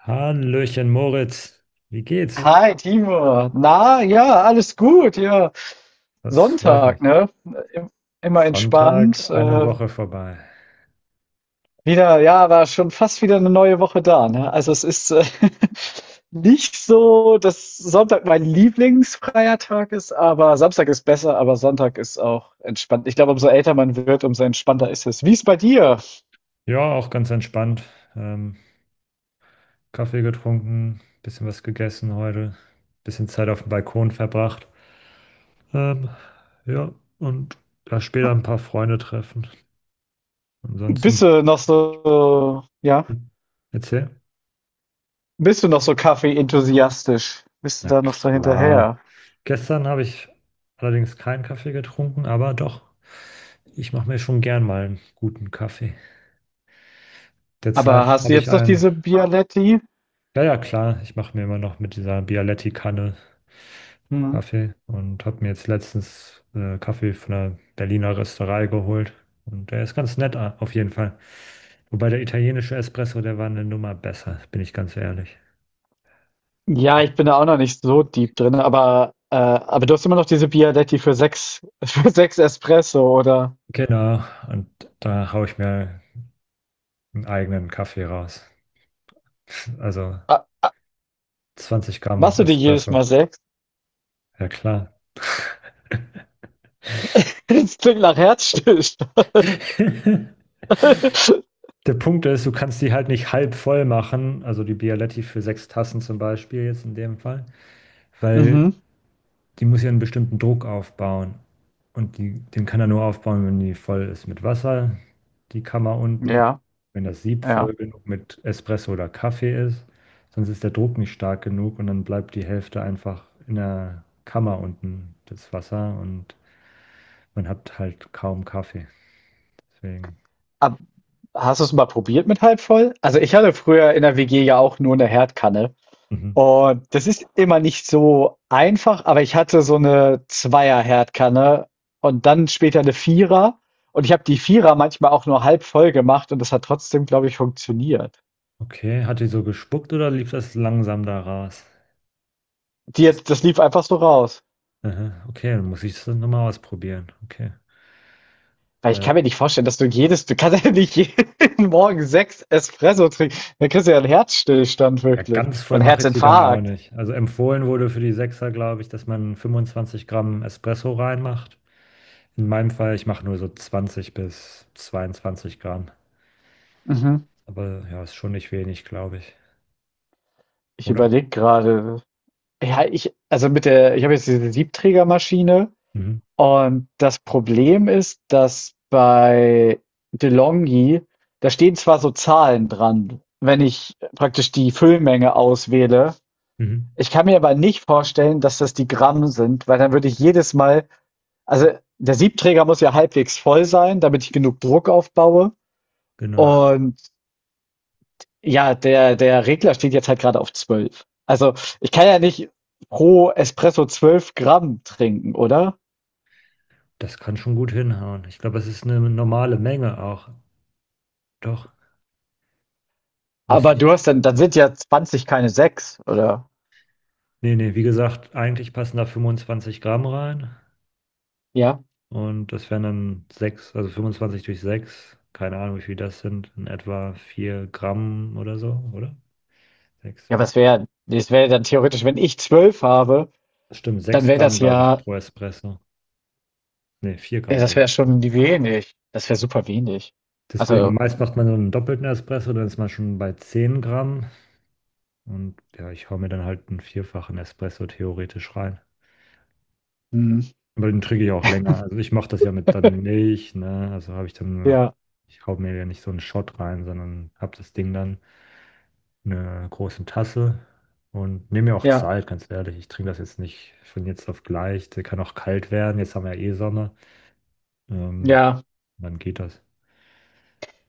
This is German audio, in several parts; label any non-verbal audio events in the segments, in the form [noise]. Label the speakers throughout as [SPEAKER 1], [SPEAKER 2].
[SPEAKER 1] Hallöchen Moritz, wie geht's?
[SPEAKER 2] Hi, Timo. Na, ja, alles gut. Ja,
[SPEAKER 1] Das freut
[SPEAKER 2] Sonntag,
[SPEAKER 1] mich.
[SPEAKER 2] ne? Im- Immer
[SPEAKER 1] Sonntag,
[SPEAKER 2] entspannt.
[SPEAKER 1] eine Woche vorbei.
[SPEAKER 2] Wieder, ja, war schon fast wieder eine neue Woche da, ne? Also es ist [laughs] nicht so, dass Sonntag mein lieblingsfreier Tag ist, aber Samstag ist besser, aber Sonntag ist auch entspannt. Ich glaube, umso älter man wird, umso entspannter ist es. Wie ist bei dir?
[SPEAKER 1] Ja, auch ganz entspannt. Ähm, Kaffee getrunken, bisschen was gegessen heute, bisschen Zeit auf dem Balkon verbracht. Ähm, ja, und da später ein paar Freunde treffen. Ansonsten,
[SPEAKER 2] Bist du noch so, ja,
[SPEAKER 1] hm, erzähl.
[SPEAKER 2] bist du noch so Kaffee-enthusiastisch? Bist du
[SPEAKER 1] Na
[SPEAKER 2] da noch so hinterher?
[SPEAKER 1] klar. Gestern habe ich allerdings keinen Kaffee getrunken, aber doch, ich mache mir schon gern mal einen guten Kaffee.
[SPEAKER 2] Aber
[SPEAKER 1] Derzeit
[SPEAKER 2] hast du
[SPEAKER 1] habe ich
[SPEAKER 2] jetzt noch
[SPEAKER 1] einen,
[SPEAKER 2] diese Bialetti?
[SPEAKER 1] ja, ja, klar, ich mache mir immer noch mit dieser Bialetti-Kanne
[SPEAKER 2] Mhm.
[SPEAKER 1] Kaffee und habe mir jetzt letztens Kaffee von einer Berliner Rösterei geholt. Und der ist ganz nett auf jeden Fall. Wobei der italienische Espresso, der war eine Nummer besser, bin ich ganz ehrlich.
[SPEAKER 2] Ja, ich bin da auch noch nicht so deep drin, aber du hast immer noch diese Bialetti für sechs, [laughs] für sechs Espresso, oder?
[SPEAKER 1] Genau, und da haue ich mir einen eigenen Kaffee raus. [laughs] Also
[SPEAKER 2] Ah,
[SPEAKER 1] 20 Gramm
[SPEAKER 2] machst du dir jedes
[SPEAKER 1] Espresso.
[SPEAKER 2] Mal sechs? [laughs]
[SPEAKER 1] Ja, klar.
[SPEAKER 2] Das klingt nach Herzstillstand.
[SPEAKER 1] [laughs]
[SPEAKER 2] [laughs]
[SPEAKER 1] Der Punkt ist, du kannst die halt nicht halb voll machen, also die Bialetti für sechs Tassen zum Beispiel jetzt in dem Fall, weil
[SPEAKER 2] Mhm.
[SPEAKER 1] die muss ja einen bestimmten Druck aufbauen. Und die, den kann er nur aufbauen, wenn die voll ist mit Wasser, die Kammer unten,
[SPEAKER 2] Ja,
[SPEAKER 1] wenn das Sieb
[SPEAKER 2] ja.
[SPEAKER 1] voll genug mit Espresso oder Kaffee ist, sonst ist der Druck nicht stark genug und dann bleibt die Hälfte einfach in der Kammer unten, das Wasser, und man hat halt kaum Kaffee. Deswegen.
[SPEAKER 2] Ab- Hast du es mal probiert mit halb voll? Also ich hatte früher in der WG ja auch nur eine Herdkanne.
[SPEAKER 1] Mhm.
[SPEAKER 2] Und das ist immer nicht so einfach, aber ich hatte so eine Zweier-Herdkanne und dann später eine Vierer. Und ich habe die Vierer manchmal auch nur halb voll gemacht und das hat trotzdem, glaube ich, funktioniert.
[SPEAKER 1] Okay, hat die so gespuckt oder lief das langsam da raus?
[SPEAKER 2] Das lief einfach so raus.
[SPEAKER 1] Aha, okay, dann muss ich das nochmal ausprobieren. Okay.
[SPEAKER 2] Weil ich
[SPEAKER 1] Weil,
[SPEAKER 2] kann mir nicht vorstellen, dass du kannst [laughs] ja nicht jeden [laughs] Morgen sechs Espresso trinken. Dann kriegst du ja einen Herzstillstand
[SPEAKER 1] ja,
[SPEAKER 2] wirklich.
[SPEAKER 1] ganz voll
[SPEAKER 2] Und
[SPEAKER 1] mache ich sie dann auch
[SPEAKER 2] Herzinfarkt.
[SPEAKER 1] nicht. Also empfohlen wurde für die Sechser, glaube ich, dass man 25 Gramm Espresso reinmacht. In meinem Fall, ich mache nur so 20 bis 22 Gramm.
[SPEAKER 2] Mhm.
[SPEAKER 1] Aber ja, ist schon nicht wenig, glaube ich.
[SPEAKER 2] Ich
[SPEAKER 1] Oder?
[SPEAKER 2] überlege gerade. Ja, ich, also mit der, ich habe jetzt diese Siebträgermaschine.
[SPEAKER 1] Mhm.
[SPEAKER 2] Und das Problem ist, dass bei DeLonghi da stehen zwar so Zahlen dran, wenn ich praktisch die Füllmenge auswähle.
[SPEAKER 1] Mhm.
[SPEAKER 2] Ich kann mir aber nicht vorstellen, dass das die Gramm sind, weil dann würde ich jedes Mal, also der Siebträger muss ja halbwegs voll sein, damit ich genug Druck aufbaue.
[SPEAKER 1] Genau.
[SPEAKER 2] Und ja, der Regler steht jetzt halt gerade auf 12. Also ich kann ja nicht pro Espresso 12 Gramm trinken, oder?
[SPEAKER 1] Das kann schon gut hinhauen. Ich glaube, es ist eine normale Menge auch. Doch,
[SPEAKER 2] Aber
[SPEAKER 1] müsste ich
[SPEAKER 2] du
[SPEAKER 1] noch.
[SPEAKER 2] hast dann sind ja 20 keine 6, oder?
[SPEAKER 1] Nee, nee, wie gesagt, eigentlich passen da 25 Gramm rein.
[SPEAKER 2] Ja?
[SPEAKER 1] Und das wären dann 6, also 25 durch 6. Keine Ahnung, wie viel das sind, in etwa 4 Gramm oder so, oder? 6.
[SPEAKER 2] Ja, was wäre das wäre dann theoretisch, wenn ich 12 habe,
[SPEAKER 1] Stimmt,
[SPEAKER 2] dann
[SPEAKER 1] sechs
[SPEAKER 2] wäre das
[SPEAKER 1] Gramm, glaube ich,
[SPEAKER 2] ja
[SPEAKER 1] pro Espresso. Nee, 4
[SPEAKER 2] ja,
[SPEAKER 1] Gramm
[SPEAKER 2] das
[SPEAKER 1] pro
[SPEAKER 2] wäre
[SPEAKER 1] Espresso.
[SPEAKER 2] schon die wenig. Das wäre super wenig.
[SPEAKER 1] Deswegen,
[SPEAKER 2] Also,
[SPEAKER 1] meist macht man so einen doppelten Espresso, dann ist man schon bei 10 Gramm. Und ja, ich hau mir dann halt einen vierfachen Espresso theoretisch rein.
[SPEAKER 2] mhm.
[SPEAKER 1] Aber den trinke ich auch länger. Also ich mache das ja mit dann Milch, ne? Also habe ich dann,
[SPEAKER 2] Ja,
[SPEAKER 1] ich hau mir ja nicht so einen Shot rein, sondern habe das Ding dann in einer großen Tasse und nehme mir auch
[SPEAKER 2] ja,
[SPEAKER 1] Zeit, ganz ehrlich. Ich trinke das jetzt nicht von jetzt auf gleich. Der kann auch kalt werden. Jetzt haben wir ja eh Sommer. Ähm,
[SPEAKER 2] ja.
[SPEAKER 1] dann geht das.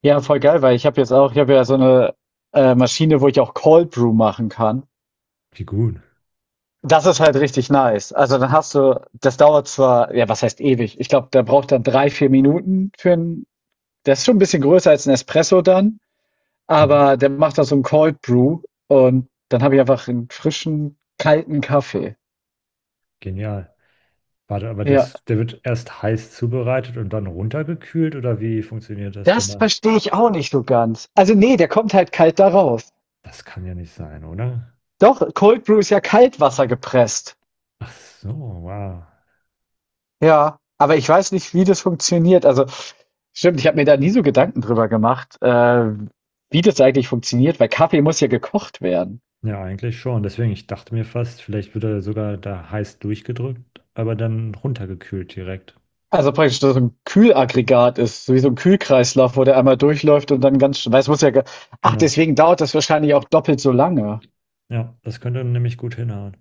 [SPEAKER 2] Ja, voll geil, weil ich habe ja so eine Maschine, wo ich auch Cold Brew machen kann.
[SPEAKER 1] Wie gut.
[SPEAKER 2] Das ist halt richtig nice. Also, dann hast du das dauert zwar ja, was heißt ewig? Ich glaube, da braucht dann 3, 4 Minuten. Für 'n der ist schon ein bisschen größer als ein Espresso dann.
[SPEAKER 1] Mhm.
[SPEAKER 2] Aber der macht da so ein Cold Brew und dann habe ich einfach einen frischen, kalten Kaffee.
[SPEAKER 1] Genial. Warte, aber
[SPEAKER 2] Ja,
[SPEAKER 1] das, der wird erst heiß zubereitet und dann runtergekühlt oder wie funktioniert das
[SPEAKER 2] das
[SPEAKER 1] genau?
[SPEAKER 2] verstehe ich auch nicht so ganz. Also, nee, der kommt halt kalt da raus.
[SPEAKER 1] Das kann ja nicht sein, oder?
[SPEAKER 2] Doch, Cold Brew ist ja Kaltwasser gepresst.
[SPEAKER 1] Ach so, wow.
[SPEAKER 2] Ja, aber ich weiß nicht, wie das funktioniert. Also, stimmt, ich habe mir da nie so Gedanken drüber gemacht, wie das eigentlich funktioniert, weil Kaffee muss ja gekocht werden.
[SPEAKER 1] Ja, eigentlich schon. Deswegen, ich dachte mir fast, vielleicht wird er sogar da heiß durchgedrückt, aber dann runtergekühlt direkt.
[SPEAKER 2] Also praktisch so ein Kühlaggregat ist, so wie so ein Kühlkreislauf, wo der einmal durchläuft und dann ganz weil es muss ja ge ach,
[SPEAKER 1] Genau.
[SPEAKER 2] deswegen dauert das wahrscheinlich auch doppelt so lange.
[SPEAKER 1] Ja, das könnte nämlich gut hinhauen.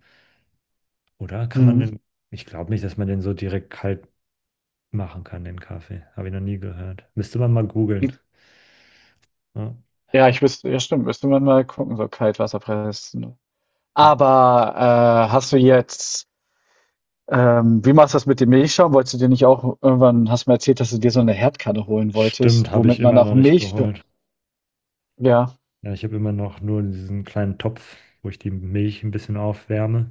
[SPEAKER 1] Oder kann man
[SPEAKER 2] Mhm.
[SPEAKER 1] den, ich glaube nicht, dass man den so direkt kalt machen kann, den Kaffee. Habe ich noch nie gehört. Müsste man mal googeln. Ja,
[SPEAKER 2] Ja, ich wüsste ja stimmt, müsste man mal gucken, so Kaltwasserpressen.
[SPEAKER 1] ja.
[SPEAKER 2] Aber, hast du jetzt wie machst du das mit dem Milchschaum? Wolltest du dir nicht auch irgendwann hast du mir erzählt, dass du dir so eine Herdkanne holen wolltest,
[SPEAKER 1] Stimmt, habe ich
[SPEAKER 2] womit man
[SPEAKER 1] immer
[SPEAKER 2] auch
[SPEAKER 1] noch nicht
[SPEAKER 2] Milch.
[SPEAKER 1] geholt.
[SPEAKER 2] Ja.
[SPEAKER 1] Ja, ich habe immer noch nur diesen kleinen Topf, wo ich die Milch ein bisschen aufwärme.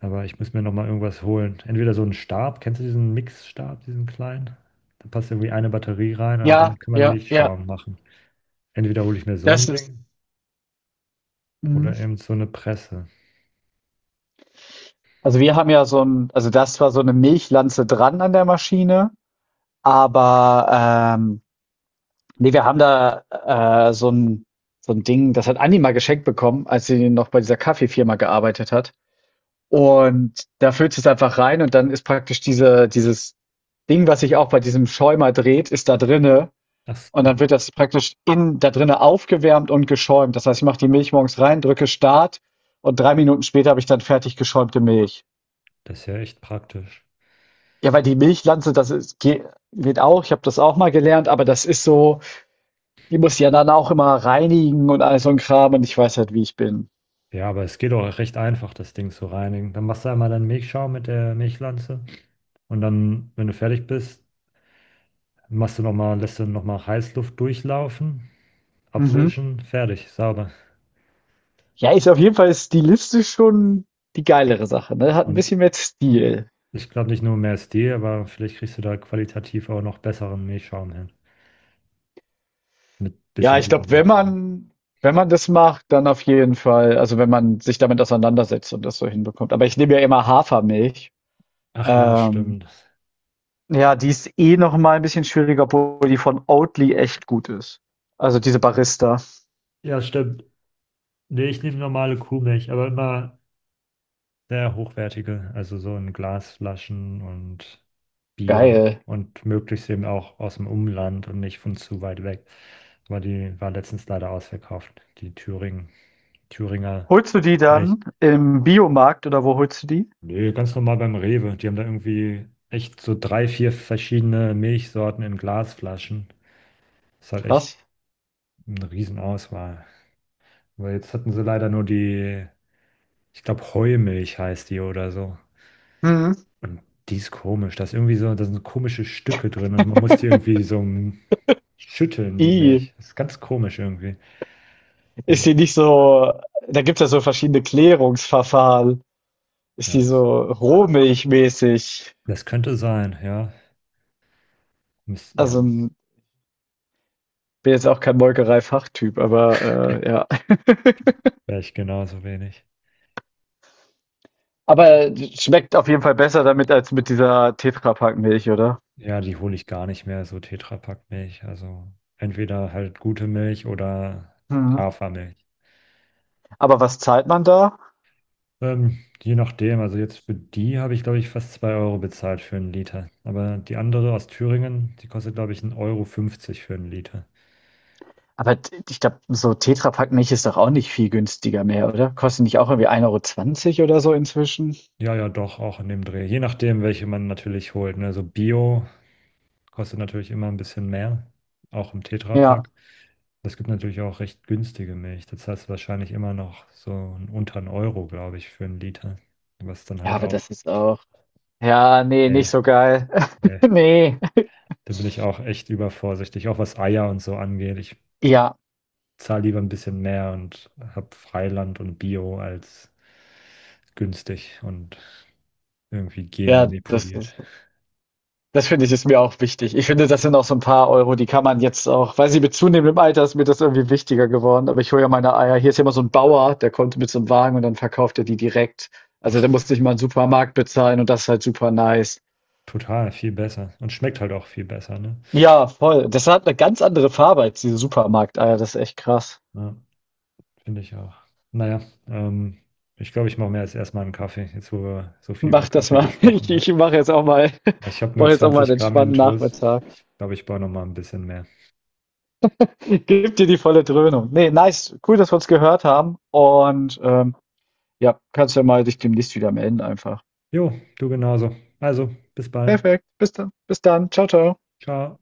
[SPEAKER 1] Aber ich muss mir noch mal irgendwas holen. Entweder so einen Stab, kennst du diesen Mixstab, diesen kleinen? Da passt irgendwie eine Batterie rein und
[SPEAKER 2] Ja,
[SPEAKER 1] damit kann man
[SPEAKER 2] ja, ja,
[SPEAKER 1] Milchschaum machen. Entweder hole ich mir so
[SPEAKER 2] das
[SPEAKER 1] ein
[SPEAKER 2] ist
[SPEAKER 1] Ding
[SPEAKER 2] mhm.
[SPEAKER 1] oder eben so eine Presse.
[SPEAKER 2] Also, wir haben ja so ein, also, das war so eine Milchlanze dran an der Maschine. Aber nee, wir haben da so ein Ding, das hat Andi mal geschenkt bekommen, als sie noch bei dieser Kaffeefirma gearbeitet hat. Und da füllst du es einfach rein und dann ist praktisch dieses Ding, was sich auch bei diesem Schäumer dreht, ist da drinne.
[SPEAKER 1] Ach
[SPEAKER 2] Und
[SPEAKER 1] so,
[SPEAKER 2] dann wird das praktisch da drinne aufgewärmt und geschäumt. Das heißt, ich mache die Milch morgens rein, drücke Start und 3 Minuten später habe ich dann fertig geschäumte Milch.
[SPEAKER 1] das ist ja echt praktisch.
[SPEAKER 2] Ja, weil die Milchlanze, geht auch, ich habe das auch mal gelernt, aber das ist so. Die muss ich ja dann auch immer reinigen und all so ein Kram und ich weiß halt, wie ich bin.
[SPEAKER 1] Ja, aber es geht auch recht einfach, das Ding zu reinigen. Dann machst du einmal deinen Milchschaum mit der Milchlanze und dann, wenn du fertig bist, machst du noch mal, lässt du noch mal Heißluft durchlaufen,
[SPEAKER 2] Mhm.
[SPEAKER 1] abwischen, fertig, sauber.
[SPEAKER 2] Ja, ist auf jeden Fall stilistisch schon die geilere Sache, ne? Hat ein
[SPEAKER 1] Und
[SPEAKER 2] bisschen mehr Stil.
[SPEAKER 1] Ich glaube nicht nur mehr SD, aber vielleicht kriegst du da qualitativ auch noch besseren Milchschaum hin. Mit
[SPEAKER 2] Ja,
[SPEAKER 1] bisschen
[SPEAKER 2] ich glaube,
[SPEAKER 1] Übung
[SPEAKER 2] wenn
[SPEAKER 1] natürlich.
[SPEAKER 2] man wenn man das macht, dann auf jeden Fall also, wenn man sich damit auseinandersetzt und das so hinbekommt. Aber ich nehme ja immer Hafermilch.
[SPEAKER 1] Ach ja,
[SPEAKER 2] Ähm,
[SPEAKER 1] stimmt.
[SPEAKER 2] ja, die ist eh noch mal ein bisschen schwieriger, obwohl die von Oatly echt gut ist. Also, diese Barista.
[SPEAKER 1] Ja, stimmt. Nee, ich nehme normale Kuhmilch, aber immer sehr hochwertige, also so in Glasflaschen und Bio
[SPEAKER 2] Geil.
[SPEAKER 1] und möglichst eben auch aus dem Umland und nicht von zu weit weg. Weil die war letztens leider ausverkauft, die Thüringen, Thüringer
[SPEAKER 2] Holst du die
[SPEAKER 1] Milch.
[SPEAKER 2] dann im Biomarkt oder wo holst du die?
[SPEAKER 1] Nee, ganz normal beim Rewe. Die haben da irgendwie echt so drei, vier verschiedene Milchsorten in Glasflaschen. Ist halt echt
[SPEAKER 2] Krass.
[SPEAKER 1] eine Riesenauswahl. Weil jetzt hatten sie leider nur die, ich glaube, Heumilch heißt die oder so.
[SPEAKER 2] Mhm.
[SPEAKER 1] Und die ist komisch. Da ist irgendwie so, da sind komische Stücke drin und man muss die irgendwie so schütteln, die
[SPEAKER 2] I,
[SPEAKER 1] Milch. Das ist ganz komisch irgendwie.
[SPEAKER 2] ist
[SPEAKER 1] Hm,
[SPEAKER 2] die nicht so, da gibt es ja so verschiedene Klärungsverfahren. Ist die
[SPEAKER 1] Das,
[SPEAKER 2] so rohmilchmäßig?
[SPEAKER 1] das könnte sein, ja. Ja,
[SPEAKER 2] Also bin jetzt auch kein Molkerei-Fachtyp, aber ja. [laughs]
[SPEAKER 1] ja, ich genauso wenig.
[SPEAKER 2] Aber schmeckt auf jeden Fall besser damit als mit dieser Tetra Pak Milch, oder?
[SPEAKER 1] Ja, die hole ich gar nicht mehr, so Tetrapack-Milch. Also entweder halt gute Milch oder
[SPEAKER 2] Mhm.
[SPEAKER 1] Hafermilch.
[SPEAKER 2] Aber was zahlt man da?
[SPEAKER 1] Je nachdem, also jetzt für die habe ich, glaube ich, fast 2 Euro bezahlt für einen Liter. Aber die andere aus Thüringen, die kostet, glaube ich, 1,50 Euro fünfzig für einen Liter.
[SPEAKER 2] Aber ich glaube, so Tetra Pak Milch ist doch auch nicht viel günstiger mehr, oder? Kostet nicht auch irgendwie 1,20 € oder so inzwischen?
[SPEAKER 1] Ja, ja, doch, auch in dem Dreh. Je nachdem, welche man natürlich holt. Ne? So Bio kostet natürlich immer ein bisschen mehr, auch im
[SPEAKER 2] Ja.
[SPEAKER 1] Tetra-Pack. Es gibt natürlich auch recht günstige Milch. Das heißt wahrscheinlich immer noch so unter einen Euro, glaube ich, für einen Liter. Was dann
[SPEAKER 2] Ja,
[SPEAKER 1] halt
[SPEAKER 2] aber das
[SPEAKER 1] auch,
[SPEAKER 2] ist auch. Ja, nee, nicht
[SPEAKER 1] nee,
[SPEAKER 2] so geil. [laughs]
[SPEAKER 1] nee,
[SPEAKER 2] Ne.
[SPEAKER 1] da bin ich auch echt übervorsichtig, auch was Eier und so angeht. Ich
[SPEAKER 2] Ja,
[SPEAKER 1] zahle lieber ein bisschen mehr und habe Freiland und Bio als günstig und irgendwie
[SPEAKER 2] ja,
[SPEAKER 1] genmanipuliert.
[SPEAKER 2] das finde ich, ist mir auch wichtig. Ich finde, das sind auch so ein paar Euro, die kann man jetzt auch weiß nicht, mit zunehmendem Alter ist mir das irgendwie wichtiger geworden, aber ich hole ja meine Eier hier ist ja immer so ein Bauer, der kommt mit so einem Wagen und dann verkauft er die direkt. Also, da
[SPEAKER 1] Ach,
[SPEAKER 2] musst ich nicht mal in Supermarkt bezahlen und das ist halt super nice.
[SPEAKER 1] total, viel besser. Und schmeckt halt auch viel besser, ne?
[SPEAKER 2] Ja, voll. Das hat eine ganz andere Farbe als diese Eier, das ist echt krass.
[SPEAKER 1] Ja. Finde ich auch. Naja, ähm, ich glaube, ich mache mir jetzt erstmal einen Kaffee, jetzt wo wir so viel über
[SPEAKER 2] Mach das
[SPEAKER 1] Kaffee
[SPEAKER 2] mal. [laughs] Ich
[SPEAKER 1] gesprochen haben.
[SPEAKER 2] ich mache jetzt auch mal [laughs]
[SPEAKER 1] Ich habe nur
[SPEAKER 2] mache jetzt auch mal einen
[SPEAKER 1] 20 Gramm
[SPEAKER 2] entspannten
[SPEAKER 1] Intus.
[SPEAKER 2] Nachmittag.
[SPEAKER 1] Ich glaube, ich brauche noch mal ein bisschen mehr.
[SPEAKER 2] [laughs] Gib dir die volle Dröhnung. Nee, nice. Cool, dass wir uns gehört haben. Und ja, kannst ja mal dich demnächst wieder melden einfach.
[SPEAKER 1] Jo, du genauso. Also, bis bald.
[SPEAKER 2] Perfekt. Bis dann. Bis dann. Ciao, ciao.
[SPEAKER 1] Ciao.